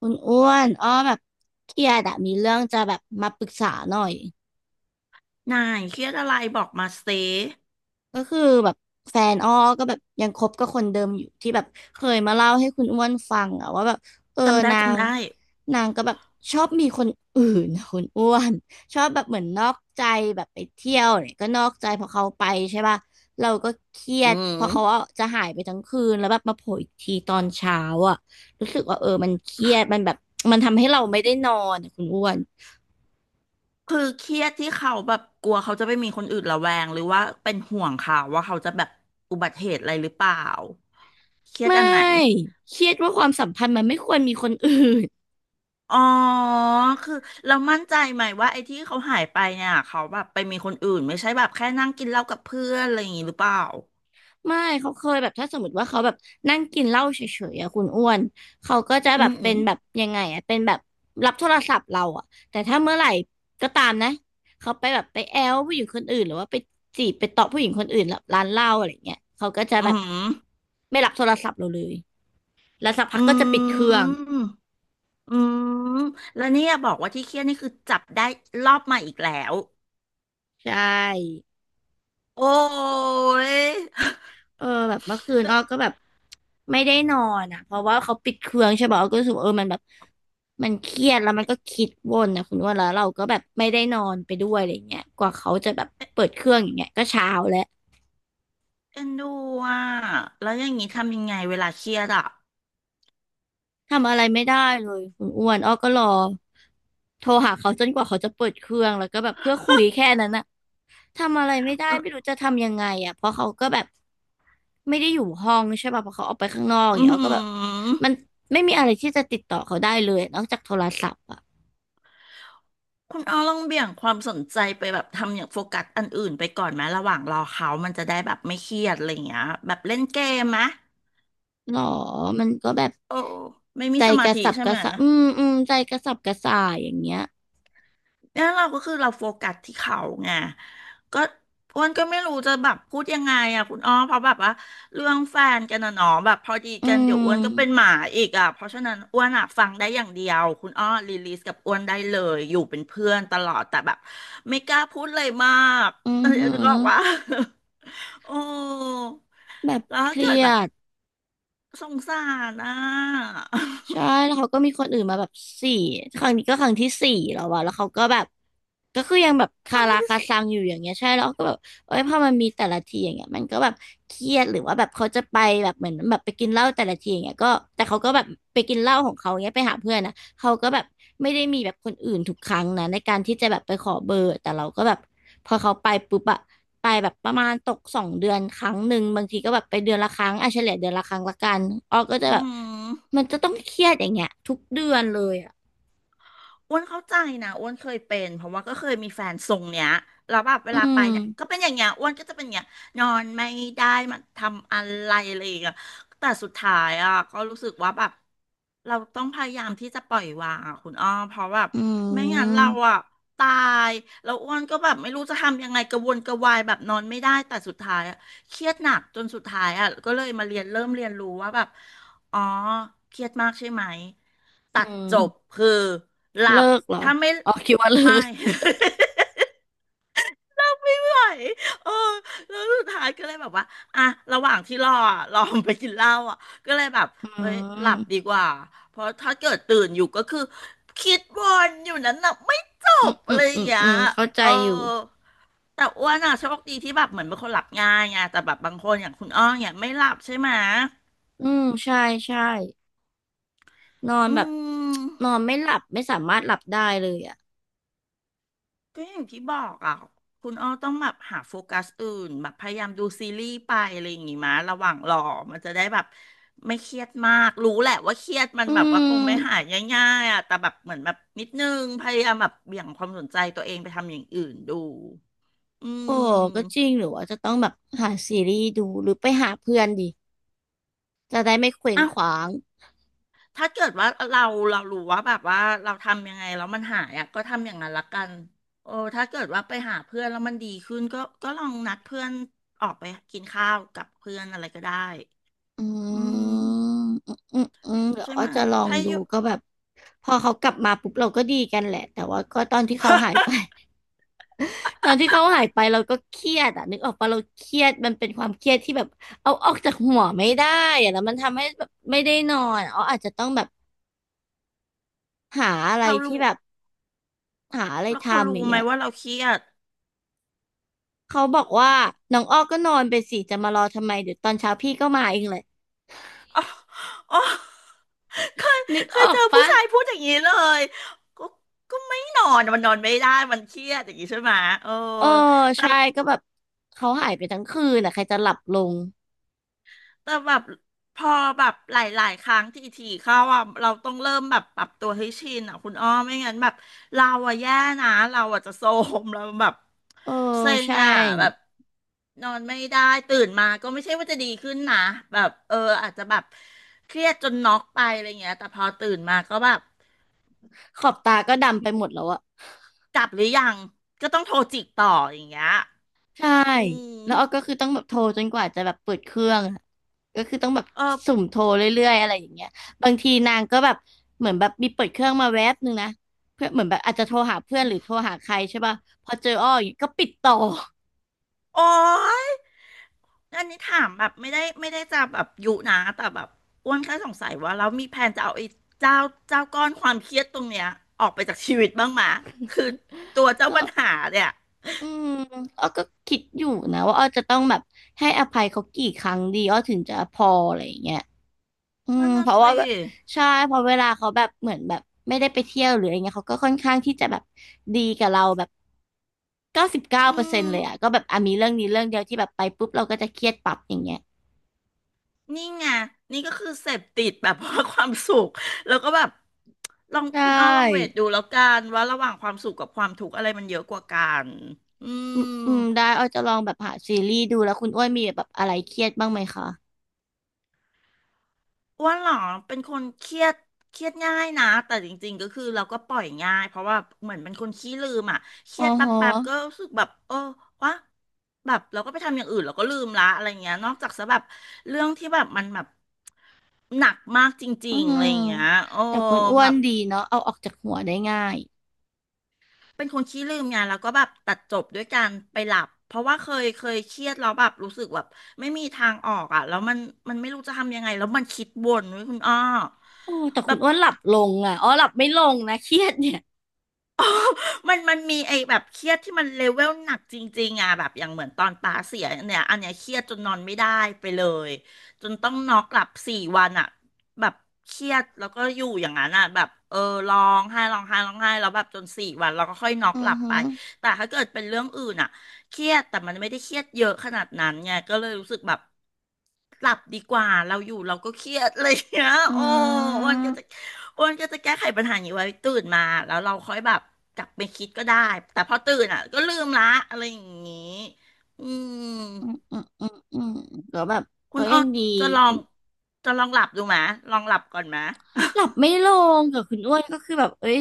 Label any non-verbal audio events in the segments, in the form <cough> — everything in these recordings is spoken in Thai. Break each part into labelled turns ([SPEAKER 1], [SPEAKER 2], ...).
[SPEAKER 1] คุณอ้วนอ้อแบบเครียดอะมีเรื่องจะแบบมาปรึกษาหน่อย
[SPEAKER 2] นายเครียดอะไรบอกมาสิ
[SPEAKER 1] ก็คือแบบแฟนอ้อก็แบบยังคบกับคนเดิมอยู่ที่แบบเคยมาเล่าให้คุณอ้วนฟังอะว่าแบบเออ
[SPEAKER 2] จำได้
[SPEAKER 1] นาง
[SPEAKER 2] จำได้
[SPEAKER 1] นางก็แบบชอบมีคนอื่นนะคุณอ้วน <laughs> ชอบแบบเหมือนนอกใจแบบไปเที่ยวเนี่ยก็นอกใจพอเขาไปใช่ป่ะเราก็เครีย
[SPEAKER 2] อื
[SPEAKER 1] ดเพอเขาอะ
[SPEAKER 2] ม
[SPEAKER 1] จะหายไปทั้งคืนแล้วแบบมาโผล่อีกทีตอนเช้าอะรู้สึกว่าเออมันเครียดมันแบบมันทำให้เราไม่ได้นอนอะคุณอ้วน
[SPEAKER 2] คือเครียดที่เขาแบบกลัวเขาจะไปมีคนอื่นระแวงหรือว่าเป็นห่วงเขาว่าเขาจะแบบอุบัติเหตุอะไรหรือเปล่าเครียด
[SPEAKER 1] ไม่
[SPEAKER 2] อันไหน
[SPEAKER 1] เครียดว่าความสัมพันธ์มันไม่ควรมีคนอื่น
[SPEAKER 2] อ๋อคือเรามั่นใจไหมว่าไอ้ที่เขาหายไปเนี่ยเขาแบบไปมีคนอื่นไม่ใช่แบบแค่นั่งกินเหล้ากับเพื่อนอะไรอย่างงี้หรือเปล่า
[SPEAKER 1] <laughs> ไม่เขาเคยแบบถ้าสมมติว่าเขาแบบนั่งกินเหล้าเฉยๆอะคุณอ้วนเขาก็จะ
[SPEAKER 2] อื
[SPEAKER 1] แบบ
[SPEAKER 2] มอื
[SPEAKER 1] เป็น
[SPEAKER 2] ม
[SPEAKER 1] แบบยังไงอะเป็นแบบรับโทรศัพท์เราอะแต่ถ้าเมื่อไหร่ก็ตามนะเขาไปแบบไปแอลผู้หญิงคนอื่นหรือว่าไปจีบไปเตาะผู้หญิงคนอื่นแบบร้านเหล้าอะไรเงี้ยเขาก็จะ
[SPEAKER 2] อื
[SPEAKER 1] แบบ
[SPEAKER 2] ม
[SPEAKER 1] ไม่รับโทรศัพท์เราเลยแล้วสักพั
[SPEAKER 2] อ
[SPEAKER 1] กก็จะปิดเค
[SPEAKER 2] ื
[SPEAKER 1] รื่อง
[SPEAKER 2] มอืมแล้วเนี่ยบอกว่าที่เครียดนี่คือจับได้รอบใหม่อีกแล้ว
[SPEAKER 1] ใช่
[SPEAKER 2] โอ้ย
[SPEAKER 1] เออแบบเมื่อคืน
[SPEAKER 2] แล้
[SPEAKER 1] อ้
[SPEAKER 2] ว
[SPEAKER 1] อก็แบบไม่ได้นอนอ่ะเพราะว่าเขาปิดเครื่องใช่ป่ะอ้อก็รู้สึกว่าเออมันแบบมันเครียดแล้วมันก็คิดวนนะคุณว่าแล้วเราก็แบบไม่ได้นอนไปด้วยอะไรเงี้ยกว่าเขาจะแบบเปิดเครื่องอย่างเงี้ยก็เช้าแล้ว
[SPEAKER 2] เอ็นดูอ่ะแล้วอย่างนี้ทำยังไงเวลาเครียดอ่ะ
[SPEAKER 1] ทำอะไรไม่ได้เลยคุณอ้วนอ้อก็รอโทรหาเขาจนกว่าเขาจะเปิดเครื่องแล้วก็แบบเพื่อคุยแค่นั้นนะ ทำอะไรไม่ได้ไม่รู้จะทำยังไงอ่ะเพราะเขาก็แบบไม่ได้อยู่ห้องใช่ป่ะเพราะเขาออกไปข้างนอกอ
[SPEAKER 2] อื
[SPEAKER 1] ย่างเงี้ยก็แบบ
[SPEAKER 2] ม
[SPEAKER 1] มันไม่มีอะไรที่จะติดต่อเขาได้เลยนอกจากโทรศัพท์อ่ะ
[SPEAKER 2] คุณอ้อลองเบี่ยงความสนใจไปแบบทำอย่างโฟกัสอันอื่นไปก่อนไหมระหว่างรอเขามันจะได้แบบไม่เครียดอะไรอย่างเงี้ยแบบเล่นเกมไหม
[SPEAKER 1] หรอมันก็แบบ
[SPEAKER 2] โอ้ไม่มี
[SPEAKER 1] ใจ
[SPEAKER 2] สมา
[SPEAKER 1] กระ
[SPEAKER 2] ธิ
[SPEAKER 1] สับ
[SPEAKER 2] ใช่
[SPEAKER 1] ก
[SPEAKER 2] ไห
[SPEAKER 1] ระ
[SPEAKER 2] ม
[SPEAKER 1] ส่ายอืมอืมใจกระสับกระส่ายอย่างเงี้ย
[SPEAKER 2] เนี่ยเราก็คือเราโฟกัสที่เขาไงก็อ้วนก็ไม่รู้จะแบบพูดยังไงอ่ะคุณอ้อเพราะแบบว่าเรื่องแฟนกันนะเนาะแบบพอดี
[SPEAKER 1] อื
[SPEAKER 2] กันเดี๋ยวอ้วนก็เป็น
[SPEAKER 1] ม
[SPEAKER 2] หมาอีกอ่ะเพราะฉะนั้นอ้วนอ่ะฟังได้อย่างเดียวคุณอ้อรีลีสกับอ้วนได้เลยอยู่เป็นเพื่อนตลอดแต่แบบไม่กล้าพูดเลยมาก
[SPEAKER 1] อื
[SPEAKER 2] เอ
[SPEAKER 1] อ
[SPEAKER 2] อ
[SPEAKER 1] หื
[SPEAKER 2] ก็บอกว่า
[SPEAKER 1] อ
[SPEAKER 2] <laughs> โอ้
[SPEAKER 1] แบบ
[SPEAKER 2] แล้ว
[SPEAKER 1] เค
[SPEAKER 2] ถ้า
[SPEAKER 1] รี
[SPEAKER 2] เกิด
[SPEAKER 1] ย
[SPEAKER 2] แบบ
[SPEAKER 1] ด
[SPEAKER 2] สงสารอ่ะ
[SPEAKER 1] ใช่
[SPEAKER 2] <laughs>
[SPEAKER 1] แล้วเขาก็มีคนอื่นมาแบบสี่ครั้งนี้ก็ครั้งที่สี่แล้ววะแล้วเขาก็แบบก็คือยังแบบคา
[SPEAKER 2] ทำไม
[SPEAKER 1] ราคาซังอยู่อย่างเงี้ยใช่แล้วก็แบบเอ้ยพอมันมีแต่ละทีอย่างเงี้ยมันก็แบบเครียดหรือว่าแบบเขาจะไปแบบเหมือนแบบไปกินเหล้าแต่ละทีอย่างเงี้ยก็แต่เขาก็แบบไปกินเหล้าของเขาเงี้ยไปหาเพื่อนนะเขาก็แบบไม่ได้มีแบบคนอื่นทุกครั้งนะในการที่จะแบบไปขอเบอร์แต่เราก็แบบ พอเขาไปปุ๊บอะไปแบบประมาณตก2 เดือนครั้งหนึ่งบางทีก็แบบไปเดือนละครั้งอ่ะเฉลี่ยเดือนละครั้งละกันออก็จะ
[SPEAKER 2] อื
[SPEAKER 1] แบบ
[SPEAKER 2] ม
[SPEAKER 1] มันจะต้องเครียดอย่างเงี้ยทุกเดือนเลยอะ
[SPEAKER 2] อ้วนเข้าใจนะอ้วนเคยเป็นเพราะว่าก็เคยมีแฟนทรงเนี้ยแล้วแบบเว
[SPEAKER 1] อื
[SPEAKER 2] ลาไป
[SPEAKER 1] ม
[SPEAKER 2] เนี่ยก็เป็นอย่างเงี้ยอ้วนก็จะเป็นอย่างเงี้ยนอนไม่ได้มันทำอะไรอะไรอย่างเงี้ยแต่สุดท้ายอ่ะก็รู้สึกว่าแบบเราต้องพยายามที่จะปล่อยวางอ่ะคุณอ้อมเพราะแบบ
[SPEAKER 1] อื
[SPEAKER 2] ไม่งั้นเรา
[SPEAKER 1] ม
[SPEAKER 2] อ่ะตายแล้วอ้วนก็แบบไม่รู้จะทำยังไงกระวนกระวายแบบนอนไม่ได้แต่สุดท้ายอ่ะเครียดหนักจนสุดท้ายอ่ะก็เลยมาเรียนเริ่มเรียนรู้ว่าแบบ อ๋อเครียดมากใช่ไหมตั
[SPEAKER 1] อื
[SPEAKER 2] ดจบ
[SPEAKER 1] ม
[SPEAKER 2] คือหลั
[SPEAKER 1] เลิ
[SPEAKER 2] บ
[SPEAKER 1] กเหรอ
[SPEAKER 2] ถ้าไม่
[SPEAKER 1] อ๋อคิดว่าเลิ
[SPEAKER 2] ไม่
[SPEAKER 1] ก
[SPEAKER 2] <laughs> ไม่ไหวเออแล้วสุดท้ายก็เลยแบบว่าอ่ะระหว่างที่รออ่ะรอมันไปกินเหล้าอ่ะก็เลยแบบ
[SPEAKER 1] อื
[SPEAKER 2] เอ้ยหลับดี
[SPEAKER 1] ม
[SPEAKER 2] กว่าเพราะถ้าเกิดตื่นอยู่ก็คือคิดวนอยู่นั้นน่ะไม่จ
[SPEAKER 1] อื
[SPEAKER 2] บ
[SPEAKER 1] มอื
[SPEAKER 2] อะไร
[SPEAKER 1] ม
[SPEAKER 2] อ
[SPEAKER 1] อื
[SPEAKER 2] ย่าง
[SPEAKER 1] ม
[SPEAKER 2] เงี้ย
[SPEAKER 1] อืมเข้าใจ
[SPEAKER 2] เออ
[SPEAKER 1] อยู่
[SPEAKER 2] แต่อ้วนอ่ะโชคดีที่แบบเหมือนเป็นคนหลับง่ายไงแต่แบบบางคนอย่างคุณอ้อเนี่ยไม่หลับใช่ไหม
[SPEAKER 1] อืมใช่ใช่นอน
[SPEAKER 2] อื
[SPEAKER 1] แบบ
[SPEAKER 2] ม
[SPEAKER 1] นอนไม่หลับไม่สามารถหลับได้เลยอ่ะ
[SPEAKER 2] ก็อย่างที่บอกอ่ะคุณอ้อต้องแบบหาโฟกัสอื่นแบบพยายามดูซีรีส์ไปอะไรอย่างงี้มาระหว่างรอมันจะได้แบบไม่เครียดมากรู้แหละว่าเครียดมัน
[SPEAKER 1] อื
[SPEAKER 2] แบบว่าคงไม่หา
[SPEAKER 1] ม
[SPEAKER 2] ยง่ายๆอ่ะแต่แบบเหมือนแบบนิดนึงพยายามแบบเบี่ยงความสนใจตัวเองไปทำอย่างอื่นดูอื
[SPEAKER 1] โอ้ก็จ
[SPEAKER 2] ม
[SPEAKER 1] ริงหรือว่าจะต้องแบบหาซีรีส์ดูหรือไปหาเพื่อนดี จะได้ไม่เคว้ง
[SPEAKER 2] อ่ะ
[SPEAKER 1] คว้าง
[SPEAKER 2] ถ้าเกิดว่าเราเรารู้ว่าแบบว่าเราทำยังไงแล้วมันหายอ่ะก็ทำอย่างนั้นละกันโอ้ถ้าเกิดว่าไปหาเพื่อนแล้วมันดีขึ้นก็ลองนัดเพื่อนออกไปกินข้าวกับเพื่อนอะไรก็ได้
[SPEAKER 1] อื
[SPEAKER 2] อืม
[SPEAKER 1] มอืมอืมอืมเดี๋ยว
[SPEAKER 2] ใช่
[SPEAKER 1] อ้อ
[SPEAKER 2] ไหมย
[SPEAKER 1] จะลอง
[SPEAKER 2] ถ้า
[SPEAKER 1] ดู
[SPEAKER 2] อยู่
[SPEAKER 1] ก็แบบพอเขากลับมาปุ๊บเราก็ดีกันแหละแต่ว่าก็ตอนที่เขาหายไป
[SPEAKER 2] <laughs>
[SPEAKER 1] <laughs> ตอนที่เขาหายไปเราก็เครียดอ่ะนึกออกปะเราเครียดมันเป็นความเครียดที่แบบเอาออกจากหัวไม่ได้อะแล้วมันทำให้แบบไม่ได้นอนอ๋ออาจจะต้องแบบหาอะไร
[SPEAKER 2] เขา
[SPEAKER 1] ที่
[SPEAKER 2] รู้
[SPEAKER 1] แบบหาอะไร
[SPEAKER 2] แล้วเขา
[SPEAKER 1] ทำ
[SPEAKER 2] รู้
[SPEAKER 1] อย่าง
[SPEAKER 2] ไหม
[SPEAKER 1] เงี้ย
[SPEAKER 2] ว่าเราเครียด <laughs>
[SPEAKER 1] เขาบอกว่า
[SPEAKER 2] เขา
[SPEAKER 1] น้องอ้อก็นอนไปสิจะมารอทำไมเดี๋ยวตอนเช้าพี่ก็มาเองเลย
[SPEAKER 2] อ๋ออ๋อเคย
[SPEAKER 1] นึก
[SPEAKER 2] เค
[SPEAKER 1] อ
[SPEAKER 2] ย
[SPEAKER 1] อ
[SPEAKER 2] เจ
[SPEAKER 1] ก
[SPEAKER 2] อผู้
[SPEAKER 1] ปะ
[SPEAKER 2] ชายพูดอย่างนี้เลยก็ก็ไม่นอนมันนอนไม่ได้มันเครียดอย่างนี้ใช่ไหมยเออ
[SPEAKER 1] เออ
[SPEAKER 2] แต่
[SPEAKER 1] ใช่ก็แบบเขาหายไปทั้งคืนอ่ะใครจะหลับลง
[SPEAKER 2] แบบพอแบบหลายๆครั้งที่ทีเข้าอ่ะเราต้องเริ่มแบบปรับตัวให้ชินอ่ะคุณอ้อไม่งั้นแบบเราอ่ะแย่นะเราอ่ะจะโทรมเราแบบ
[SPEAKER 1] เออ
[SPEAKER 2] เซ็ง
[SPEAKER 1] ใช่
[SPEAKER 2] อ่ะแบบนอนไม่ได้ตื่นมาก็ไม่ใช่ว่าจะดีขึ้นนะแบบเอออาจจะแบบเครียดจนน็อกไปอะไรเงี้ยแต่พอตื่นมาก็แบบ
[SPEAKER 1] ขอบตาก็ดำไปหมดแล้วอะ
[SPEAKER 2] กลับหรือยังก็ต้องโทรจิกต่ออย่างเงี้ย
[SPEAKER 1] ใช่
[SPEAKER 2] อื
[SPEAKER 1] แล้วอ้อก็
[SPEAKER 2] ม
[SPEAKER 1] คือต้องแบบโทรจนกว่าจะแบบเปิดเครื่องอะก็คือต้องแบบ
[SPEAKER 2] เออ
[SPEAKER 1] สุ่มโทรเรื่อยๆอะไรอย่างเงี้ยบางทีนางก็แบบเหมือนแบบมีเปิดเครื่องมาแวบนึงนะเพื่อเหมือนแบบอาจจะโทรหาเพื่อนหรือโทรหาใครใช่ป่ะพอเจออ้ออย่างเงี้ยก็ปิดต่อ
[SPEAKER 2] โอ๊ย อันนี้ถามแบบไม่ได้ไม่ได้จะแบบยุนะแต่แบบอ้วนแค่สงสัยว่าแล้วมีแผนจะเอาไอ้เจ้าเจ้าก้อนความเครียดตรงเนี้ยออกไปจากชีวิตบ้างไหมะคือตัว
[SPEAKER 1] <laughs>
[SPEAKER 2] เจ้า
[SPEAKER 1] ก็
[SPEAKER 2] ปัญหาเนี่ย
[SPEAKER 1] อืมอ้อก็คิดอยู่นะว่าอ้อจะต้องแบบให้อภัยเขากี่ครั้งดีอ้อถึงจะพออะไรอย่างเงี้ยอืม
[SPEAKER 2] นั่น
[SPEAKER 1] เพ
[SPEAKER 2] น่ะ
[SPEAKER 1] ราะว่า
[SPEAKER 2] สิ
[SPEAKER 1] แบบใช่เพอเวลาเขาแบบเหมือนแบบไม่ได้ไปเที่ยวหรืออะไรเงี้ยเขาก็ค่อนข้างที่จะแบบดีกับเราแบบเก้าสิบเก้า
[SPEAKER 2] อื
[SPEAKER 1] เปอร์เซ็นต์
[SPEAKER 2] ม
[SPEAKER 1] เลยอ่ะก็แบบอ่ะมีเรื่องนี้เรื่องเดียวที่แบบไปปุ๊บเราก็จะเครียดปั๊บอย่างเงี้ย
[SPEAKER 2] นี่ไงนี่ก็คือเสพติดแบบว่าความสุขแล้วก็แบบลอง
[SPEAKER 1] ใช
[SPEAKER 2] คุณอ้อลองเวท
[SPEAKER 1] ่
[SPEAKER 2] ดูแล้วกันว่าระหว่างความสุขกับความทุกข์อะไรมันเยอะกว่ากันอื
[SPEAKER 1] อืม
[SPEAKER 2] ม
[SPEAKER 1] อืมได้อ้อจะลองแบบหาซีรีส์ดูแล้วคุณอ้วนมีแบบอะไรเครียดบ้างไหมคะ
[SPEAKER 2] อ้วนเหรอเป็นคนเครียดเครียดง่ายนะแต่จริงๆก็คือเราก็ปล่อยง่ายเพราะว่าเหมือนเป็นคนขี้ลืมอ่ะเค
[SPEAKER 1] อ๋
[SPEAKER 2] รี
[SPEAKER 1] อ
[SPEAKER 2] ยดแป
[SPEAKER 1] ฮ
[SPEAKER 2] ๊บๆก็
[SPEAKER 1] ะ
[SPEAKER 2] รู้สึกแบบเออวะแบบเราก็ไปทำอย่างอื่นเราก็ลืมละอะไรเงี้ยนอกจากซะแบบเรื่องที่แบบมันแบบหนักมากจ
[SPEAKER 1] อื
[SPEAKER 2] ริงๆ
[SPEAKER 1] ม
[SPEAKER 2] อะไรเงี้ยโอ้
[SPEAKER 1] แต่คุณอ้ว
[SPEAKER 2] แบ
[SPEAKER 1] น
[SPEAKER 2] บ
[SPEAKER 1] ดีเนาะเอาออกจากหัวได้ง่าย
[SPEAKER 2] เป็นคนขี้ลืมไงแล้วก็แบบตัดจบด้วยการไปหลับเพราะว่าเคยเครียดแล้วแบบรู้สึกแบบไม่มีทางออกอ่ะแล้วมันไม่รู้จะทำยังไงแล้วมันคิดวนเว้ยคุณอ้อ
[SPEAKER 1] โอ้แต่คุณ
[SPEAKER 2] แบบ
[SPEAKER 1] อ้วนหลับลงอ่ะอ๋อหลับไม่ลงนะเครียดเนี่ย
[SPEAKER 2] มันมีไอ้แบบเครียดที่มันเลเวลหนักจริงๆอ่ะแบบอย่างเหมือนตอนตาเสียเนี่ยอันเนี้ยเครียดจนนอนไม่ได้ไปเลยจนต้องนอกหลับสี่วันอ่ะแบบเครียดแล้วก็อยู่อย่างนั้นอ่ะแบบเออร้องไห้ร้องไห้ร้องไห้แล้วแบบจนสี่วันเราก็ค่อยน็อก
[SPEAKER 1] อื
[SPEAKER 2] หลั
[SPEAKER 1] อ
[SPEAKER 2] บ
[SPEAKER 1] ฮึ
[SPEAKER 2] ไป
[SPEAKER 1] อ
[SPEAKER 2] แต่ถ้าเกิดเป็นเรื่องอื่นอ่ะเครียดแต่มันไม่ได้เครียดเยอะขนาดนั้นไงก็เลยรู้สึกแบบหลับดีกว่าเราอยู่เราก็เครียดอะไรอย่างเงี้ย
[SPEAKER 1] อื
[SPEAKER 2] โอ้มัน
[SPEAKER 1] ม
[SPEAKER 2] ก็จะ อ้วนก็จะแก้ไขปัญหานี้ไว้ตื่นมาแล้วเราค่อยแบบกลับไปคิดก็ได้แต่พอตื่นอ่ะก็ลืมละอะไรอย่างงี้อืม
[SPEAKER 1] อืมอืมก็แบบ
[SPEAKER 2] คุ
[SPEAKER 1] ก็
[SPEAKER 2] ณอ้
[SPEAKER 1] ยั
[SPEAKER 2] อ
[SPEAKER 1] งดี
[SPEAKER 2] จะลอ
[SPEAKER 1] คุ
[SPEAKER 2] ง
[SPEAKER 1] ณ
[SPEAKER 2] จะลองหลับดูไหมลองหลับก่อนไหม
[SPEAKER 1] หลับไม่ลงกับคุณอ้วนก็คือแบบเอ้ย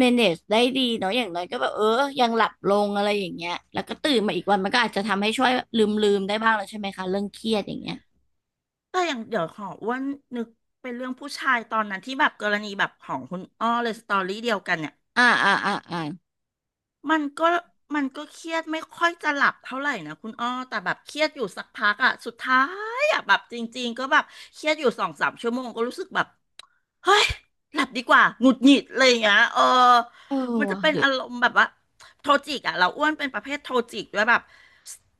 [SPEAKER 1] manage ได้ดีเนาะอย่างน้อยก็แบบเออยังหลับลงอะไรอย่างเงี้ยแล้วก็ตื่นมาอีกวันมันก็อาจจะทำให้ช่วยลืมได้บ้างแล้วใช่ไหมคะเรื่องเครียดอย่างเงี้ย
[SPEAKER 2] แต่ <laughs> อย่างเดี๋ยวขออ้วนนึกเป็นเรื่องผู้ชายตอนนั้นที่แบบกรณีแบบของคุณอ้อเลยสตอรี่เดียวกันเนี่ย
[SPEAKER 1] อ่าอ่าอ่าอ่า
[SPEAKER 2] มันก็มันก็เครียดไม่ค่อยจะหลับเท่าไหร่นะคุณอ้อแต่แบบเครียดอยู่สักพักอ่ะสุดท้ายอ่ะแบบจริงๆก็แบบเครียดอยู่2-3 ชั่วโมงก็รู้สึกแบบ เฮ้ยหลับดีกว่าหงุดหงิดอะไรอย่างเงี้ยเออ
[SPEAKER 1] เออ
[SPEAKER 2] มันจะ
[SPEAKER 1] ว่ะ
[SPEAKER 2] เป็น
[SPEAKER 1] หรือ
[SPEAKER 2] อารมณ์แบบว่าโทจิกอะเราอ้วนเป็นประเภทโทจิกด้วยแบบ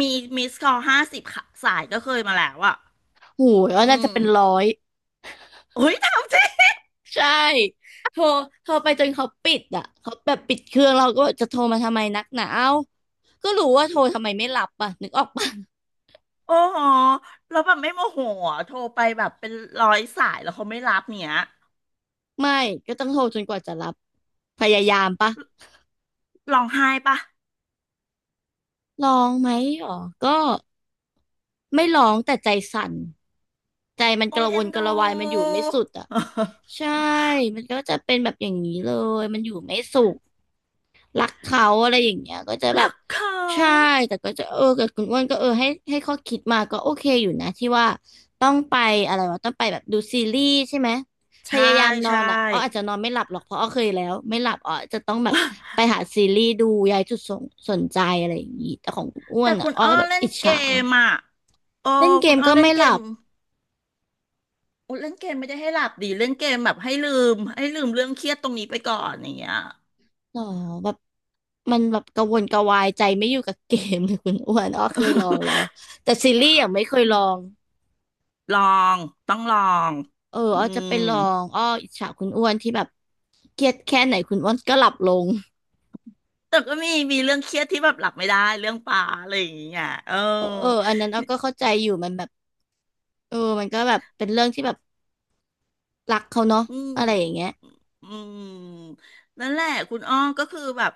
[SPEAKER 2] มีมิสคอล50 สายก็เคยมาแล้วอะ
[SPEAKER 1] โหยอ้วน
[SPEAKER 2] อื
[SPEAKER 1] น่าจะ
[SPEAKER 2] ม
[SPEAKER 1] เป็นร้อย
[SPEAKER 2] โอ้ยทำจริง
[SPEAKER 1] ใช่โทรโทรไปจนเขาปิดอ่ะเขาแบบปิดเครื่องเราก็จะโทรมาทำไมนักหนาเอ้าก็รู้ว่าโทรทำไมไม่รับอ่ะนึกออกปะ
[SPEAKER 2] โอ้โหแล้วแบบไม่โมโหอะโทรไปแบบเป็น100 สายแล้วเขาไม่รับเนี้ย
[SPEAKER 1] <laughs> ไม่ก็ต้องโทรจนกว่าจะรับพยายามปะ
[SPEAKER 2] ร้องไห้ปะ
[SPEAKER 1] ลองไหมหรอก็ไม่ร้องแต่ใจสั่นใจมันก
[SPEAKER 2] โอ้ย
[SPEAKER 1] ระว
[SPEAKER 2] เอ็น
[SPEAKER 1] นก
[SPEAKER 2] ดู
[SPEAKER 1] ระวายมันอยู่ไม่สุดอ่ะใช่มันก็จะเป็นแบบอย่างนี้เลยมันอยู่ไม่สุข รักเขาอะไรอย่างเงี้ยก็จะ
[SPEAKER 2] <laughs>
[SPEAKER 1] แบ
[SPEAKER 2] รั
[SPEAKER 1] บ
[SPEAKER 2] กเขา
[SPEAKER 1] ใช่แต่ก็จะเออกับคุณอ้วนก็เออให้ข้อคิดมาก็โอเคอยู่นะที่ว่าต้องไปอะไรวะต้องไปแบบดูซีรีส์ใช่ไหมพ
[SPEAKER 2] ใช่
[SPEAKER 1] ยายามนอ
[SPEAKER 2] ใช่
[SPEAKER 1] นอ่ะอ้ออาจจะนอนไม่หลับหรอกเพราะอ้อเคยแล้วไม่หลับอ้อจะต้องแบบไปหาซีรีส์ดูย้ายจุดสนใจอะไรอย่างงี้แต่ของคุณอ้ว
[SPEAKER 2] แต่
[SPEAKER 1] นอ่ะ
[SPEAKER 2] คุณ
[SPEAKER 1] อ้อ
[SPEAKER 2] อ้อ
[SPEAKER 1] แบบ
[SPEAKER 2] เล่น
[SPEAKER 1] อิจ
[SPEAKER 2] เก
[SPEAKER 1] ฉา
[SPEAKER 2] มอ่ะโอ้
[SPEAKER 1] เล่นเก
[SPEAKER 2] คุณ
[SPEAKER 1] ม
[SPEAKER 2] อ้อ
[SPEAKER 1] ก็
[SPEAKER 2] เล่น
[SPEAKER 1] ไม่
[SPEAKER 2] เก
[SPEAKER 1] หลั
[SPEAKER 2] ม
[SPEAKER 1] บ
[SPEAKER 2] โอ้เล่นเกมไม่ได้ให้หลับดีเล่นเกมแบบให้ลืมเรื่องเครียดตรงนี้ไปก่อนอย่างเงี้ย
[SPEAKER 1] อ๋อแบบมันแบบกระวนกระวายใจไม่อยู่กับเกมเลยคุณอ้วนอ้อเคยลองแล้วแต่ซีรีส์ยังไม่เคยลอง
[SPEAKER 2] <laughs> ลองต้องลอง
[SPEAKER 1] เออ
[SPEAKER 2] อื
[SPEAKER 1] อ้อจะไป
[SPEAKER 2] ม
[SPEAKER 1] ลองอ้ออิจฉาคุณอ้วนที่แบบเครียดแค่ไหนคุณอ้วนก็หลับลง
[SPEAKER 2] แต่ก็มีมีเรื่องเครียดที่แบบหลับไม่ได้เรื่องปลาอะไรอย่างเงี้ยเออ
[SPEAKER 1] เออเอออันนั้นอ้อก็เข้าใจอยู่มันแบบเออมันก็แบบเป็นเรื่องที่แบบรักเขาเนาะ
[SPEAKER 2] อืม
[SPEAKER 1] อะไรอย่างเงี้ย
[SPEAKER 2] อืมนั่นแหละคุณอ้อก็คือแบบ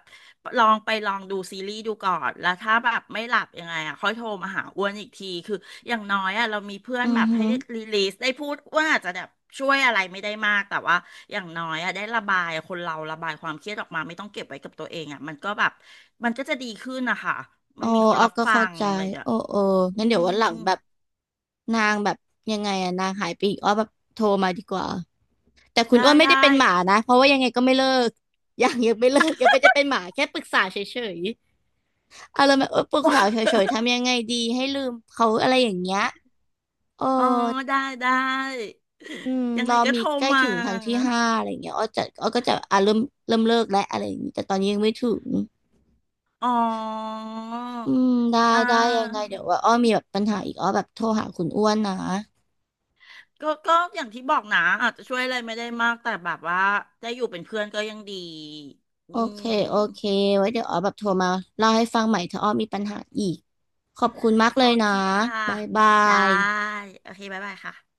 [SPEAKER 2] ลองไปลองดูซีรีส์ดูก่อนแล้วถ้าแบบไม่หลับยังไงอ่ะค่อยโทรมาหาอ้วนอีกทีคืออย่างน้อยอ่ะเรามีเพื่อ
[SPEAKER 1] อื
[SPEAKER 2] นแบ
[SPEAKER 1] อ
[SPEAKER 2] บ
[SPEAKER 1] ฮึ
[SPEAKER 2] ให้ได้รีลีสได้พูดว่าอาจจะแบบช่วยอะไรไม่ได้มากแต่ว่าอย่างน้อยอ่ะได้ระบายคนเราระบายความเครียดออกมาไม่ต้องเก็บไว้กับตัวเองอ่ะมันก็แบบมันก็จะดีขึ้นนะคะ
[SPEAKER 1] โอ้
[SPEAKER 2] มันมีคน
[SPEAKER 1] อ้อ
[SPEAKER 2] รับ
[SPEAKER 1] ก็
[SPEAKER 2] ฟั
[SPEAKER 1] เข้า
[SPEAKER 2] ง
[SPEAKER 1] ใจ
[SPEAKER 2] อะไรอย่างเงี้ย
[SPEAKER 1] โอ้โอ้
[SPEAKER 2] อื
[SPEAKER 1] งั้นเดี๋ยว
[SPEAKER 2] ม
[SPEAKER 1] วันหลังแบบนางแบบยังไงอะนางหายไปอีกอ้อแบบโทรมาดีกว่า แต่คุณ
[SPEAKER 2] ได้
[SPEAKER 1] อ้วนไม่ได้
[SPEAKER 2] ได้
[SPEAKER 1] เป็นหมานะเพราะว่ายังไงก็ไม่เลิก <laughs> ยังไม่เลิกยังไม่ได้เป็นหมาแค่ปรึกษาเฉยๆอะไรแบบเออปรึกษาเฉยๆทำยังไงดีให้ลืมเขาอะไรอย่างเงี้ย เออ
[SPEAKER 2] อ๋อได้ได้
[SPEAKER 1] อืม
[SPEAKER 2] ยัง
[SPEAKER 1] ร
[SPEAKER 2] ไง
[SPEAKER 1] อ
[SPEAKER 2] ก็
[SPEAKER 1] มี
[SPEAKER 2] โทร
[SPEAKER 1] ใกล้
[SPEAKER 2] มา
[SPEAKER 1] ถึงทางที่ห้าอะไรอย่างเงี้ยอ้อก็จะอ่ะเริ่มเลิกแล้วอะไรอย่างงี้แต่ตอนนี้ยังไม่ถึง
[SPEAKER 2] อ๋อ
[SPEAKER 1] อืมได้
[SPEAKER 2] อ่า
[SPEAKER 1] ได้ยังไงเดี๋ยวว่าอ้อมีแบบปัญหาอีกอ้อแบบโทรหาคุณอ้วนนะ
[SPEAKER 2] ก็ก็อย่างที่บอกนะอาจจะช่วยอะไรไม่ได้มากแต่แบบว่าได้อยู่เป็นเพื่อนก็ยังดีอื
[SPEAKER 1] โอเค
[SPEAKER 2] ม
[SPEAKER 1] โอเคไว้เดี๋ยวอ้อแบบโทรมาเล่าให้ฟังใหม่ถ้าอ้อมีปัญหาอีก ขอบคุณมากเล
[SPEAKER 2] โอ
[SPEAKER 1] ยนะ
[SPEAKER 2] เคค่ะ
[SPEAKER 1] บ๊ายบา
[SPEAKER 2] ได้
[SPEAKER 1] ย
[SPEAKER 2] โอเคบ๊ายบายค่ะ